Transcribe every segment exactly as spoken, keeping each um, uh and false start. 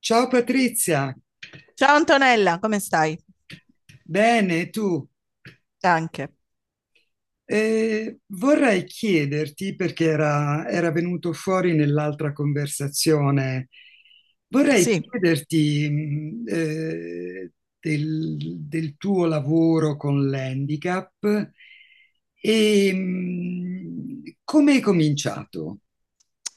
Ciao Patrizia, Ciao Antonella, come stai? bene tu? Anche. Eh, vorrei chiederti, perché era, era venuto fuori nell'altra conversazione, vorrei Sì. chiederti mh, eh, del, del tuo lavoro con l'handicap e mh, come hai cominciato?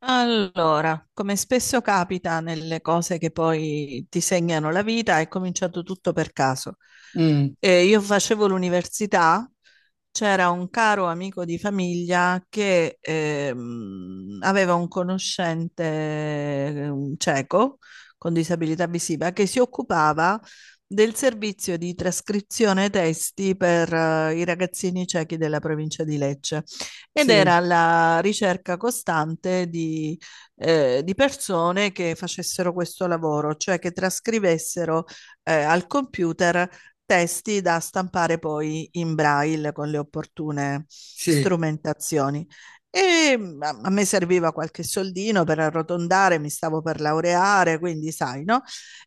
Allora, come spesso capita nelle cose che poi ti segnano la vita, è cominciato tutto per caso. Mm, Eh, io facevo l'università, c'era un caro amico di famiglia che ehm, aveva un conoscente eh, un cieco con disabilità visiva che si occupava del servizio di trascrizione testi per eh, i ragazzini ciechi della provincia di Lecce. Ed sì, era la ricerca costante di, eh, di persone che facessero questo lavoro, cioè che trascrivessero eh, al computer testi da stampare poi in braille con le opportune sì. strumentazioni. E mm, a a me serviva qualche soldino per arrotondare, mi stavo per laureare, quindi sai, no?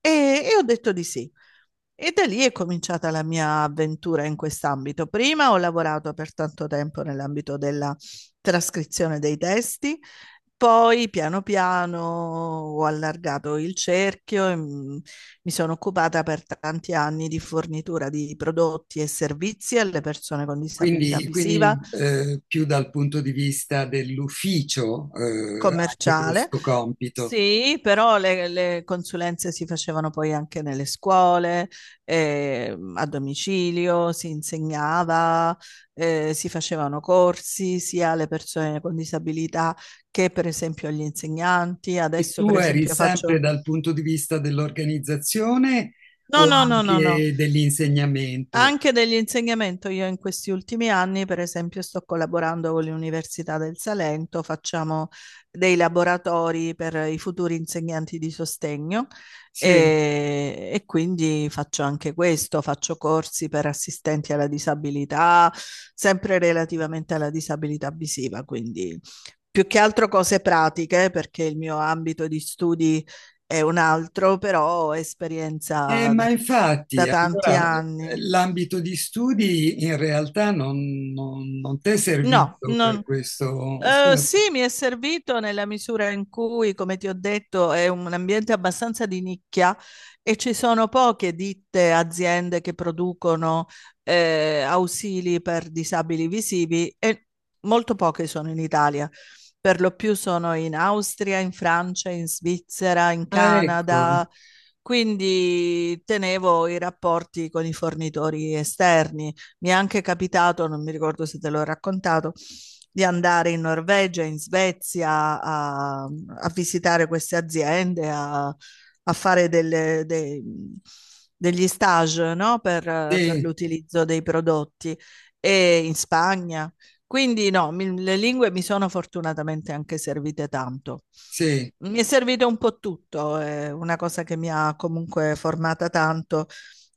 E, e ho detto di sì. E da lì è cominciata la mia avventura in quest'ambito. Prima ho lavorato per tanto tempo nell'ambito della trascrizione dei testi, poi piano piano ho allargato il cerchio e mm, mi sono occupata per tanti anni di fornitura di prodotti e servizi alle persone con disabilità Quindi, visiva, quindi, eh, più dal punto di vista dell'ufficio, eh, anche commerciale. questo compito. Sì, però le, le consulenze si facevano poi anche nelle scuole, eh, a domicilio, si insegnava, eh, si facevano corsi sia alle persone con disabilità che per esempio agli insegnanti. E Adesso tu per eri esempio sempre faccio... dal punto di vista dell'organizzazione No, o no, no, no, no. anche dell'insegnamento? Anche dell'insegnamento, io in questi ultimi anni, per esempio, sto collaborando con l'Università del Salento, facciamo dei laboratori per i futuri insegnanti di sostegno Sì. e, e quindi faccio anche questo, faccio corsi per assistenti alla disabilità, sempre relativamente alla disabilità visiva, quindi più che altro cose pratiche, perché il mio ambito di studi è un altro, però Eh, esperienza ma infatti, da tanti allora eh, anni. l'ambito di studi in realtà non, non, non ti è No, servito per non- questo. Sì. eh, sì, mi è servito nella misura in cui, come ti ho detto, è un ambiente abbastanza di nicchia e ci sono poche ditte, aziende che producono eh, ausili per disabili visivi e molto poche sono in Italia. Per lo più sono in Austria, in Francia, in Svizzera, in Ah, Canada. ecco, Quindi tenevo i rapporti con i fornitori esterni. Mi è anche capitato, non mi ricordo se te l'ho raccontato, di andare in Norvegia, in Svezia a, a visitare queste aziende, a, a fare delle, dei- degli stage, no? Per, per sì, l'utilizzo dei prodotti e in Spagna. Quindi no, mi- le lingue mi sono fortunatamente anche servite tanto. sì, Mi è servito un po' tutto, è una cosa che mi ha comunque formata tanto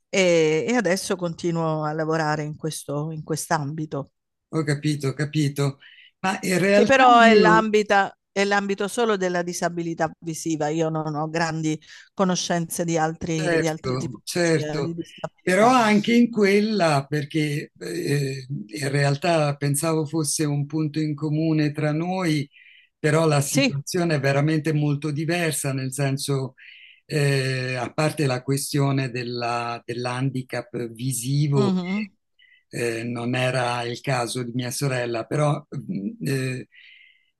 e, e adesso continuo a lavorare in questo, in quest'ambito, ho capito, ho capito. Ma in che realtà però è io, l'ambita- è l'ambito solo della disabilità visiva. Io non ho grandi conoscenze di altri, di altre certo, tipologie di certo, però disabilità. anche in quella, perché eh, in realtà pensavo fosse un punto in comune tra noi, però la Sì, situazione è veramente molto diversa, nel senso, eh, a parte la questione della- dell'handicap visivo, mhm, eh, non era il caso di mia sorella, però eh,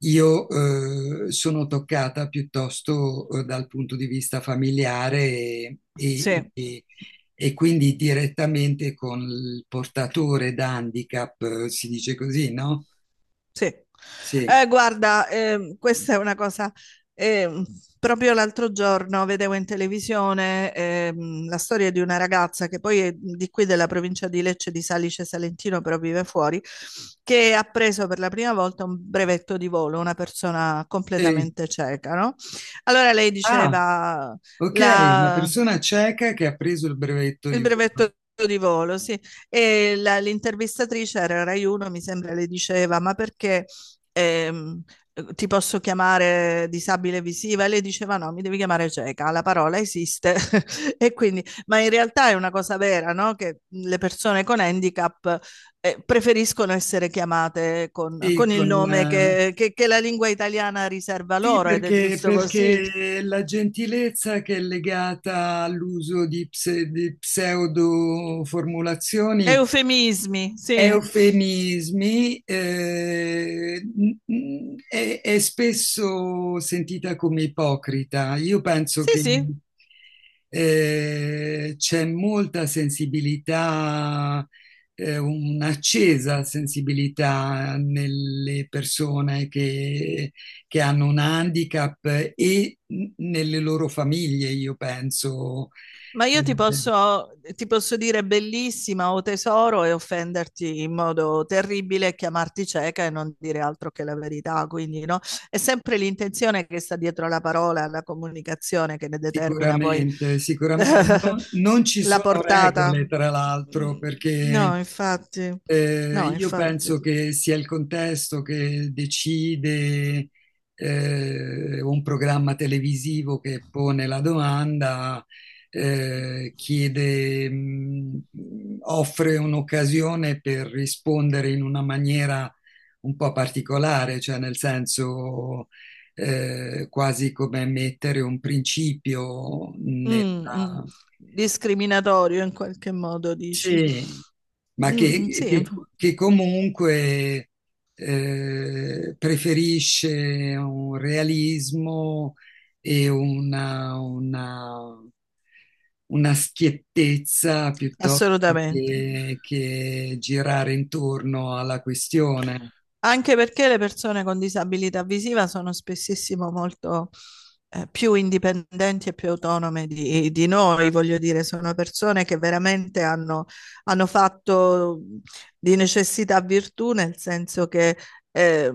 io eh, sono toccata piuttosto eh, dal punto di vista familiare e, e- sì. e- e quindi direttamente con il portatore da handicap, eh, si dice così, no? Sì. Sì. Eh, guarda, ehm, questa è una cosa. ehm, proprio l'altro giorno vedevo in televisione ehm, la storia di una ragazza che poi è di qui della provincia di Lecce, di Salice Salentino, però vive fuori, che ha preso per la prima volta un brevetto di volo, una persona Eh, completamente cieca, no? Allora lei ah, diceva ok, una la, persona cieca che ha preso il brevetto il di volo. brevetto di volo, sì. E la- l'intervistatrice era Rai uno, mi sembra, le diceva, ma perché ehm, ti posso chiamare disabile visiva? E lei diceva no, mi devi chiamare cieca, la parola esiste. E quindi, ma in realtà è una cosa vera, no? Che le persone con handicap eh, preferiscono essere chiamate con, Sì, con il con, nome eh, che, che- che la lingua italiana riserva sì, loro, ed è perché, giusto così. perché la gentilezza che è legata all'uso di, pse- di pseudo formulazioni Eufemismi, sì. eufemismi, eh, n- n- è, è spesso sentita come ipocrita. Io penso Sì, che sì. eh, c'è molta sensibilità, eh, un'accesa sensibilità nelle persone che, che hanno un handicap e n- nelle loro famiglie, io penso. Ma io ti posso, ti posso dire bellissima o tesoro e offenderti in modo terribile, chiamarti cieca e non dire altro che la verità. Quindi, no? È sempre l'intenzione che sta dietro la parola, la comunicazione, che ne determina poi Sicuramente, sicuramente. Non, non ci la sono portata. regole, tra l'altro, Mm. perché No, infatti, no, eh, io infatti. penso che sia il contesto che decide. Eh, un programma televisivo che pone la domanda, eh, chiede, mh, offre un'occasione per rispondere in una maniera un po' particolare, cioè nel senso eh, quasi come mettere un principio Mm, mm. nella Discriminatorio in qualche modo, dici? sì, ma Mm, mm, che, sì, che- che comunque eh, preferisce un realismo e una, una- una schiettezza piuttosto assolutamente. che, che girare intorno alla questione. Anche perché le persone con disabilità visiva sono spessissimo molto eh, più indipendenti e più autonome di, di noi, voglio dire, sono persone che veramente hanno, hanno fatto di necessità virtù, nel senso che eh,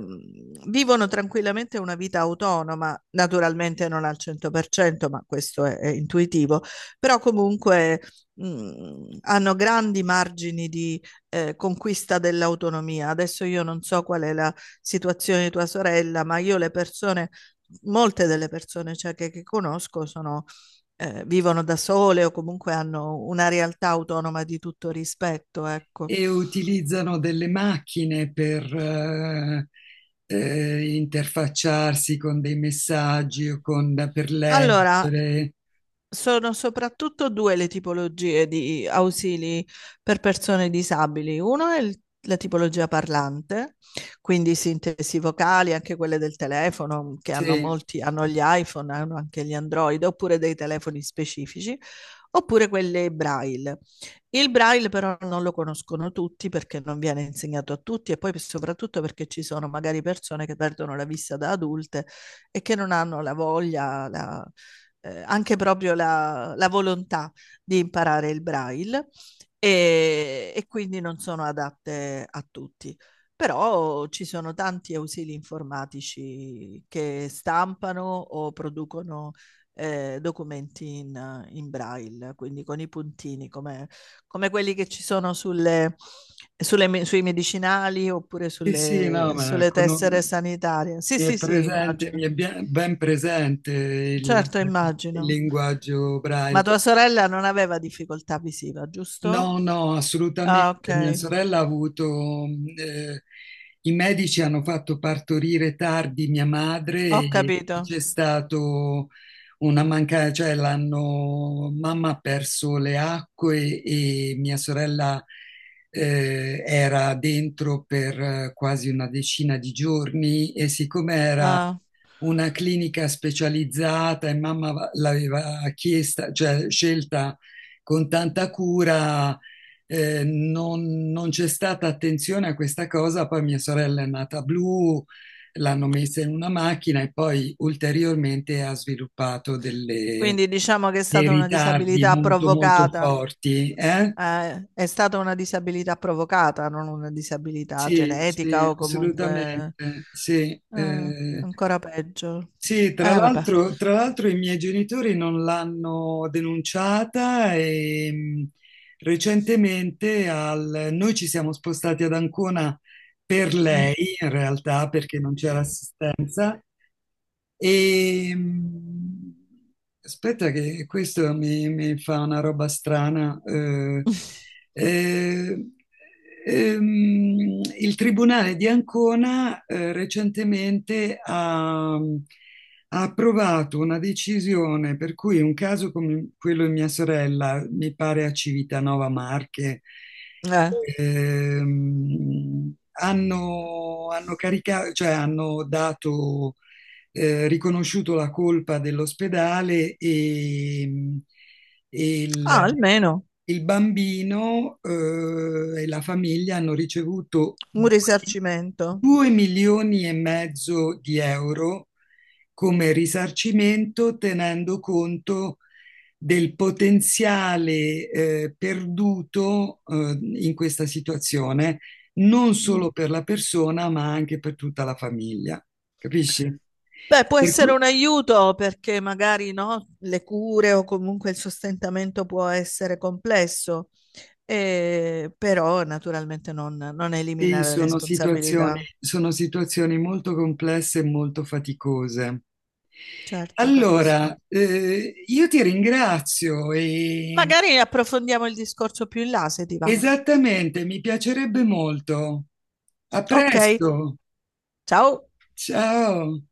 vivono tranquillamente una vita autonoma, naturalmente non al cento per cento, ma questo è, è intuitivo, però comunque mh, hanno grandi margini di, eh, conquista dell'autonomia. Adesso io non so qual è la situazione di tua sorella, ma io le persone, molte delle persone, cioè, che, che conosco sono, eh, vivono da sole, o comunque hanno una realtà autonoma di tutto rispetto, ecco. E utilizzano delle macchine per eh, eh, interfacciarsi con dei messaggi o con, per Allora, leggere. sono soprattutto due le tipologie di ausili per persone disabili. Uno è il- la tipologia parlante, quindi sintesi vocali, anche quelle del telefono, mm, che hanno Sì. molti, hanno gli iPhone, hanno anche gli Android, oppure dei telefoni specifici, oppure quelle Braille. Il Braille però non lo conoscono tutti, perché non viene insegnato a tutti e poi soprattutto perché ci sono magari persone che perdono la vista da adulte e che non hanno la voglia, la eh, anche proprio la, la, volontà di imparare il braille, e, e quindi non sono adatte a tutti. Però ci sono tanti ausili informatici che stampano o producono eh, documenti in, in, braille, quindi con i puntini, come, come quelli che ci sono sulle, sulle, sui medicinali, oppure Sì, sì, sulle, no, ma sulle cono- tessere sanitarie. Sì, mi è sì, sì, presente, mi immagino. è bien- ben presente il, Certo, il immagino. linguaggio Ma Braille. tua sorella non aveva difficoltà visiva, giusto? No, no, Ah, assolutamente. Mia ok, sorella ha avuto, eh, i medici hanno fatto partorire tardi mia madre ho e capito. c'è stato una mancanza, cioè l'hanno, mamma ha perso le acque e mia sorella, eh, era dentro per eh, quasi una decina di giorni, e siccome era Ah, una clinica specializzata e mamma va- l'aveva chiesta, cioè scelta con tanta cura, eh, non, non c'è stata attenzione a questa cosa, poi mia sorella è nata blu, l'hanno messa in una macchina e poi ulteriormente ha sviluppato delle- quindi diciamo che è dei stata una ritardi disabilità molto molto provocata. forti, eh? Eh, è stata una disabilità provocata, non una disabilità Sì, genetica sì, o comunque assolutamente, sì. eh, eh, ancora peggio. Sì, tra Eh, vabbè. l'altro tra l'altro i miei genitori non l'hanno denunciata e mh, recentemente al- noi ci siamo spostati ad Ancona per Mm. lei, in realtà, perché non c'era assistenza e, aspetta che questo mi, mi fa una roba strana. eh, eh, ehm, il Tribunale di Ancona eh, recentemente ha, ha approvato una decisione per cui un caso come quello di mia sorella, mi pare a Civitanova Marche, Eh, ehm, hanno, hanno caricato, cioè hanno dato eh, riconosciuto la colpa dell'ospedale e, e il, Ah, almeno il bambino eh, e la famiglia hanno ricevuto un risarcimento. due milioni e mezzo di euro come risarcimento, tenendo conto del potenziale eh, perduto eh, in questa situazione, non Mm. solo per la persona, ma anche per tutta la famiglia, capisci? Beh, può Per cui essere un aiuto, perché magari no, le cure o comunque il sostentamento può essere complesso, eh, però naturalmente non, non sì, elimina la sono situazioni, responsabilità. sono situazioni molto complesse e molto faticose. Certo, capisco. Allora, eh, io ti ringrazio e Magari approfondiamo il discorso più in là, se ti va. esattamente, mi piacerebbe molto. A Ok, presto, ciao. ciao.